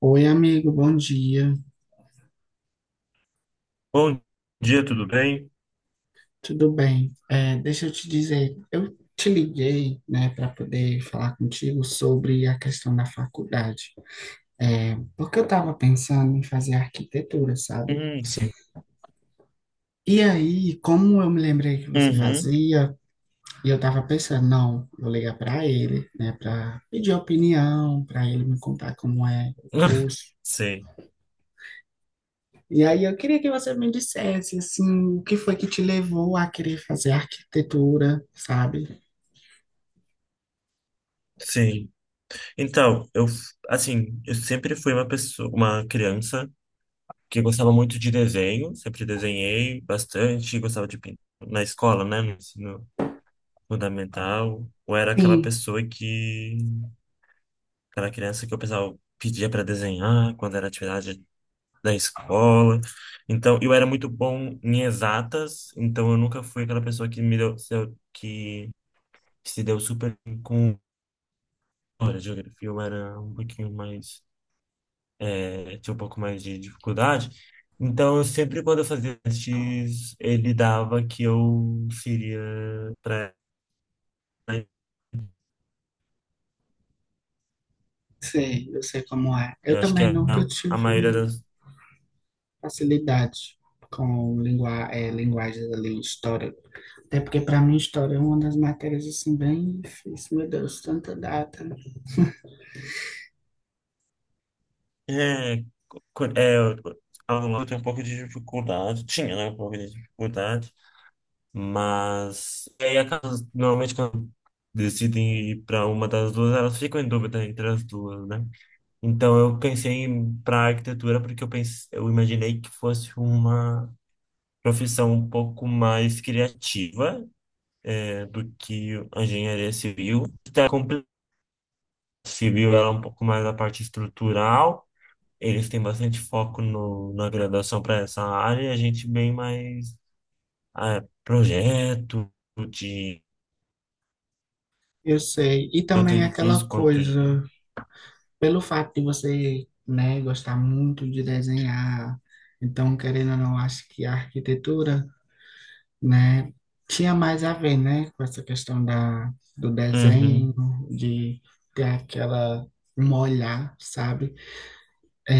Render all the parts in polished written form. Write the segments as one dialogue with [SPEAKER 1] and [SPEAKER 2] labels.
[SPEAKER 1] Oi, amigo, bom dia,
[SPEAKER 2] Bom dia, tudo bem?
[SPEAKER 1] tudo bem? Deixa eu te dizer, eu te liguei, né, para poder falar contigo sobre a questão da faculdade. Porque eu estava pensando em fazer arquitetura, sabe?
[SPEAKER 2] Sim.
[SPEAKER 1] E aí, como eu me lembrei que você
[SPEAKER 2] Uhum.
[SPEAKER 1] fazia, e eu estava pensando, não, vou ligar para ele, né, para pedir opinião, para ele me contar como é o curso.
[SPEAKER 2] Sim,
[SPEAKER 1] E aí eu queria que você me dissesse assim, o que foi que te levou a querer fazer arquitetura, sabe?
[SPEAKER 2] sim. Então, eu, assim, eu sempre fui uma pessoa, uma criança que gostava muito de desenho, sempre desenhei bastante, gostava de pintar na escola, né, no ensino fundamental. Eu era aquela
[SPEAKER 1] Sim,
[SPEAKER 2] pessoa que, aquela criança que o pessoal pedia para desenhar quando era atividade da escola. Então, eu era muito bom em exatas, então eu nunca fui aquela pessoa que me deu, que se deu super bem com a geografia, eu era um pouquinho mais, tinha um pouco mais de dificuldade. Então, eu sempre quando eu fazia testes, ele dava que eu seria para
[SPEAKER 1] sei, eu sei como é. Eu
[SPEAKER 2] eu acho que
[SPEAKER 1] também
[SPEAKER 2] é
[SPEAKER 1] nunca
[SPEAKER 2] a maioria
[SPEAKER 1] tive
[SPEAKER 2] das.
[SPEAKER 1] facilidade com linguagens ali, história. Até porque para mim história é uma das matérias assim bem difíceis, meu Deus, tanta data.
[SPEAKER 2] É, co- é, aluno lá eu tenho um pouco de dificuldade. Tinha, né? Um pouco de dificuldade. Mas. E aí, a casa, normalmente, quando decidem ir para uma das duas, elas ficam em dúvida entre as duas, né? Então eu pensei para arquitetura porque eu pense eu imaginei que fosse uma profissão um pouco mais criativa, do que a engenharia civil. Está complicado. Civil ela é um pouco mais a parte estrutural. Eles têm bastante foco no, na graduação para essa área e a gente bem mais projeto de
[SPEAKER 1] Eu sei. E
[SPEAKER 2] tanto
[SPEAKER 1] também é aquela
[SPEAKER 2] edifício quanto de.
[SPEAKER 1] coisa, pelo fato de você, né, gostar muito de desenhar, então querendo ou não, acho que a arquitetura, né? Tinha mais a ver, né, com essa do desenho,
[SPEAKER 2] Uhum.
[SPEAKER 1] de ter aquela um olhar, sabe? É,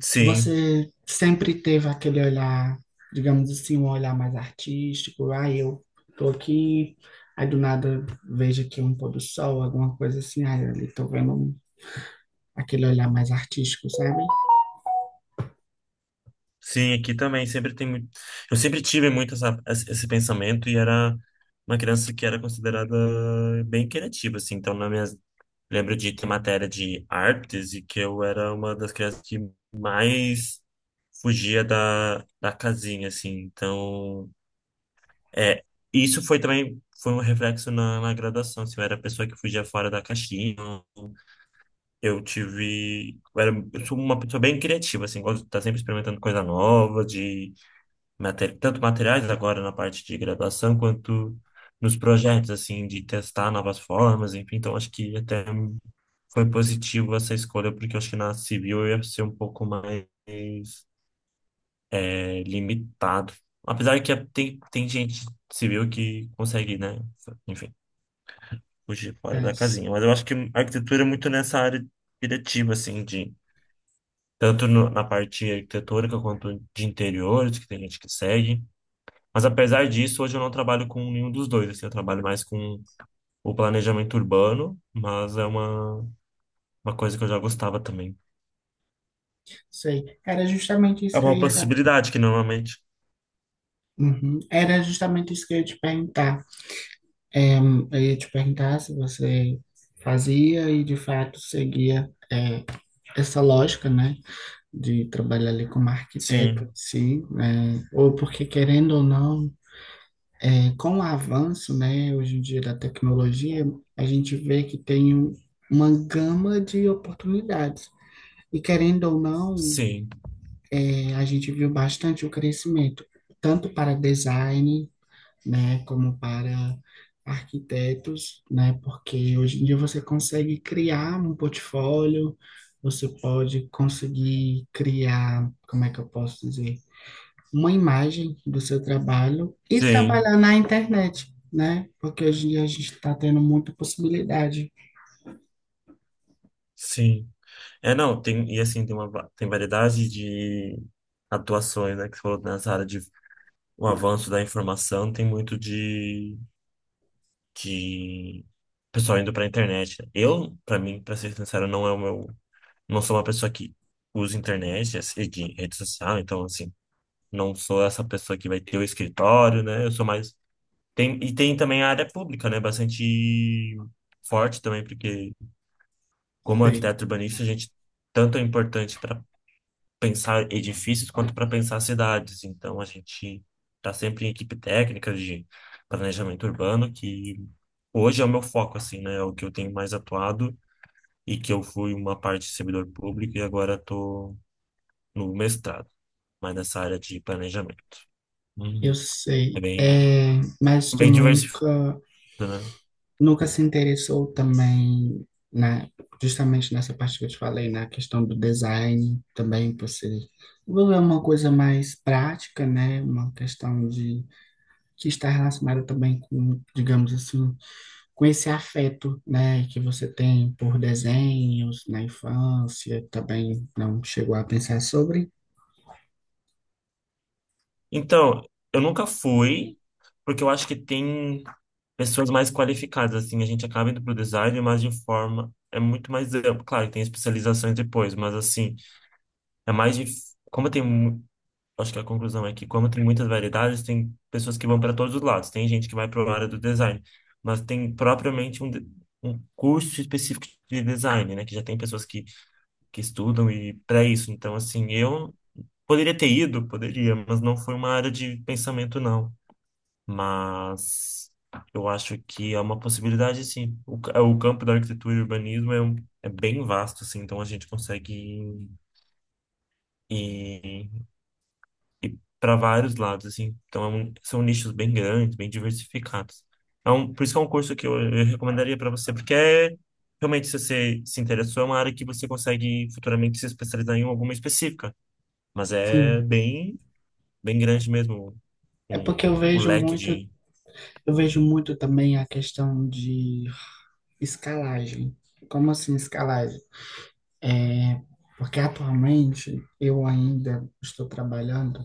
[SPEAKER 2] Sim.
[SPEAKER 1] você sempre teve aquele olhar, digamos assim, um olhar mais artístico. Ah, eu tô aqui, aí do nada vejo aqui um pôr do sol, alguma coisa assim, ah, ali tô vendo aquele olhar mais artístico, sabe?
[SPEAKER 2] Sim, aqui também sempre tem muito. Eu sempre tive muito essa, esse pensamento e era uma criança que era considerada bem criativa, assim. Então, na minha lembro de ter matéria de artes e que eu era uma das crianças que mais fugia da casinha, assim. Então, é, isso foi também foi um reflexo na graduação, assim. Eu era a pessoa que fugia fora da caixinha. Eu tive, eu era, eu sou uma pessoa bem criativa, assim, gosto de estar sempre experimentando coisa nova, de tanto materiais agora na parte de graduação, quanto nos projetos, assim, de testar novas formas, enfim. Então, acho que até foi positivo essa escolha, porque eu acho que na civil eu ia ser um pouco mais limitado. Apesar que tem gente civil que consegue, né, enfim, fugir fora
[SPEAKER 1] É,
[SPEAKER 2] da
[SPEAKER 1] s-
[SPEAKER 2] casinha. Mas eu acho que a arquitetura é muito nessa área diretiva, assim, de tanto na parte arquitetônica quanto de interiores, que tem gente que segue. Mas apesar disso, hoje eu não trabalho com nenhum dos dois, assim, eu trabalho mais com o planejamento urbano, mas é uma coisa que eu já gostava também.
[SPEAKER 1] Sei. Era justamente
[SPEAKER 2] É
[SPEAKER 1] isso que eu
[SPEAKER 2] uma
[SPEAKER 1] ia acabar.
[SPEAKER 2] possibilidade que normalmente.
[SPEAKER 1] Uhum. Era justamente isso que eu ia te perguntar. Eu ia te perguntar se você fazia e de fato seguia, essa lógica, né, de trabalhar ali como arquiteto,
[SPEAKER 2] Sim,
[SPEAKER 1] sim, né? Ou porque querendo ou não, com o avanço, né, hoje em dia da tecnologia, a gente vê que tem uma gama de oportunidades. E querendo ou não,
[SPEAKER 2] sim,
[SPEAKER 1] a gente viu bastante o crescimento, tanto para design, né, como para arquitetos, né, porque hoje em dia você consegue criar um portfólio, você pode conseguir criar, como é que eu posso dizer, uma imagem do seu trabalho e
[SPEAKER 2] sim,
[SPEAKER 1] trabalhar na internet, né, porque hoje em dia a gente está tendo muita possibilidade.
[SPEAKER 2] sim. É, não, tem, e assim, tem uma, tem variedade de atuações, né, que você falou nessa área de o avanço da informação, tem muito de pessoal indo pra internet, né. Eu, pra mim, pra ser sincero, não é o meu não sou uma pessoa que usa internet, assim, de rede social, então, assim, não sou essa pessoa que vai ter o escritório, né? Eu sou mais. Tem, e tem também a área pública, né? Bastante forte também, porque como
[SPEAKER 1] Sei,
[SPEAKER 2] arquiteto urbanista, a gente tanto é importante para pensar edifícios quanto para pensar cidades. Então, a gente está sempre em equipe técnica de planejamento urbano, que hoje é o meu foco, assim, né? É o que eu tenho mais atuado. E que eu fui uma parte de servidor público e agora estou no mestrado, mas nessa área de planejamento.
[SPEAKER 1] eu
[SPEAKER 2] Uhum. É
[SPEAKER 1] sei,
[SPEAKER 2] bem,
[SPEAKER 1] é, mas tu
[SPEAKER 2] bem diversificado,
[SPEAKER 1] nunca,
[SPEAKER 2] né?
[SPEAKER 1] nunca se interessou também na, justamente nessa parte que eu te falei, na questão do design também, você envolver uma coisa mais prática, né? Uma questão de que está relacionada também com, digamos assim, com esse afeto, né, que você tem por desenhos na infância, também não chegou a pensar sobre?
[SPEAKER 2] Então, eu nunca fui, porque eu acho que tem pessoas mais qualificadas, assim, a gente acaba indo para o design, mas de forma é muito mais amplo. Claro, que tem especializações depois, mas assim, é mais de como tem acho que a conclusão é que, como tem muitas variedades, tem pessoas que vão para todos os lados. Tem gente que vai para a área do design, mas tem propriamente um, um curso específico de design, né? Que já tem pessoas que estudam e para isso. Então, assim, eu poderia ter ido, poderia, mas não foi uma área de pensamento, não. Mas eu acho que é uma possibilidade, sim. O, o campo da arquitetura e urbanismo é, é bem vasto, assim, então a gente consegue ir, para vários lados, assim. Então, são nichos bem grandes, bem diversificados. É um, por isso que é um curso que eu recomendaria para você, porque é, realmente, se você se interessou, é uma área que você consegue futuramente se especializar em alguma específica. Mas é
[SPEAKER 1] Sim.
[SPEAKER 2] bem, bem grande mesmo
[SPEAKER 1] É
[SPEAKER 2] um,
[SPEAKER 1] porque
[SPEAKER 2] o leque de.
[SPEAKER 1] eu vejo muito também a questão de escalagem. Como assim escalagem? É, porque atualmente eu ainda estou trabalhando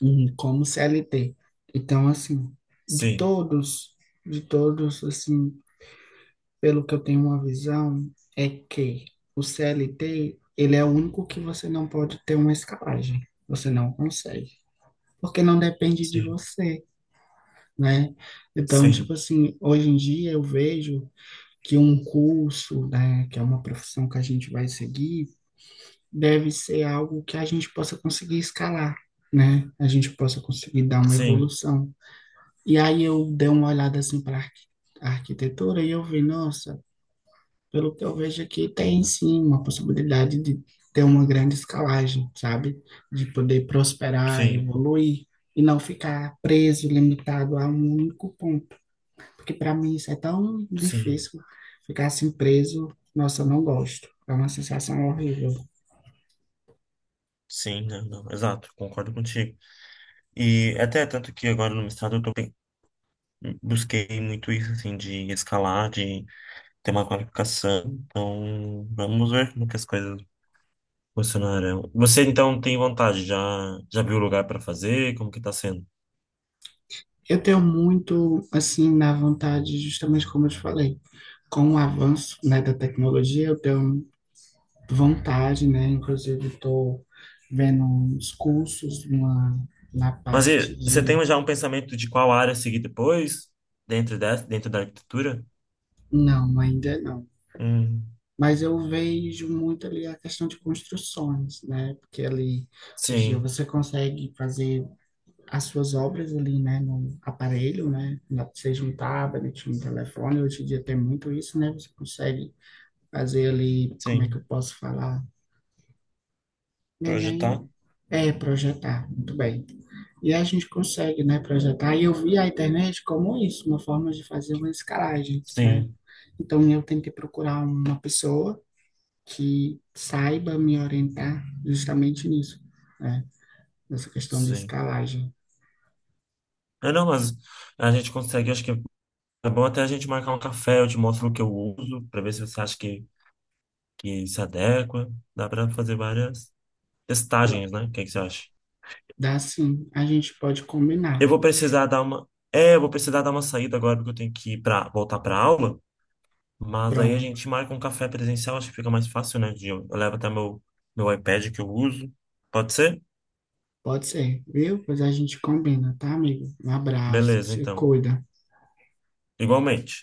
[SPEAKER 1] como CLT. Então, assim, de
[SPEAKER 2] Sim,
[SPEAKER 1] todos, de todos, assim, pelo que eu tenho uma visão, é que o CLT, ele é o único que você não pode ter uma escalagem. Você não consegue. Porque não depende de
[SPEAKER 2] sim,
[SPEAKER 1] você, né? Então,
[SPEAKER 2] sim,
[SPEAKER 1] tipo assim, hoje em dia eu vejo que um curso, né, que é uma profissão que a gente vai seguir, deve ser algo que a gente possa conseguir escalar, né? A gente possa conseguir dar uma
[SPEAKER 2] sim,
[SPEAKER 1] evolução. E aí eu dei uma olhada assim para a arquitetura e eu vi, nossa, pelo que eu vejo aqui, tem sim uma possibilidade de ter uma grande escalagem, sabe? De poder prosperar,
[SPEAKER 2] sim,
[SPEAKER 1] evoluir e não ficar preso, limitado a um único ponto. Porque para mim isso é tão
[SPEAKER 2] sim,
[SPEAKER 1] difícil, ficar assim preso, nossa, eu não gosto. É uma sensação horrível.
[SPEAKER 2] sim, não, não, exato, concordo contigo. E até tanto que agora no mestrado eu tô, busquei muito isso, assim, de escalar, de ter uma qualificação. Então, vamos ver como que as coisas funcionarão. Você então tem vontade? Já, já viu o lugar para fazer? Como que tá sendo?
[SPEAKER 1] Eu tenho muito, assim, na vontade, justamente como eu te falei, com o avanço, né, da tecnologia, eu tenho vontade, né, inclusive estou vendo uns cursos na
[SPEAKER 2] Mas
[SPEAKER 1] parte
[SPEAKER 2] e, você
[SPEAKER 1] de,
[SPEAKER 2] tem já um pensamento de qual área seguir depois, dentro dessa, dentro da arquitetura?
[SPEAKER 1] não, ainda não.
[SPEAKER 2] Hum,
[SPEAKER 1] Mas eu vejo muito ali a questão de construções, né, porque ali, hoje em dia
[SPEAKER 2] sim,
[SPEAKER 1] você consegue fazer as suas obras ali, né, no aparelho, né, seja um tablet, um telefone, hoje em dia tem muito isso, né, você consegue fazer ali, como é que eu
[SPEAKER 2] sim.
[SPEAKER 1] posso falar? Não é
[SPEAKER 2] Projetar?
[SPEAKER 1] nem É projetar, muito bem. E a gente consegue, né, projetar. E eu vi a internet como isso, uma forma de fazer uma escalagem, né?
[SPEAKER 2] Sim,
[SPEAKER 1] Então eu tenho que procurar uma pessoa que saiba me orientar justamente nisso, né? Nessa questão de
[SPEAKER 2] sim.
[SPEAKER 1] escalagem.
[SPEAKER 2] Ah, não, mas a gente consegue, acho que é bom até a gente marcar um café, eu te mostro o que eu uso, para ver se você acha que se adequa. Dá para fazer várias
[SPEAKER 1] Pro-
[SPEAKER 2] testagens, né? O que que você acha?
[SPEAKER 1] Dá sim, a gente pode combinar.
[SPEAKER 2] Eu vou precisar dar uma. É, eu vou precisar dar uma saída agora, porque eu tenho que ir para voltar para aula. Mas aí a
[SPEAKER 1] Pronto,
[SPEAKER 2] gente marca um café presencial, acho que fica mais fácil, né? Eu levo até meu, iPad que eu uso. Pode ser?
[SPEAKER 1] pode ser, viu? Pois a gente combina, tá, amigo? Um abraço,
[SPEAKER 2] Beleza,
[SPEAKER 1] se
[SPEAKER 2] então.
[SPEAKER 1] cuida.
[SPEAKER 2] Igualmente.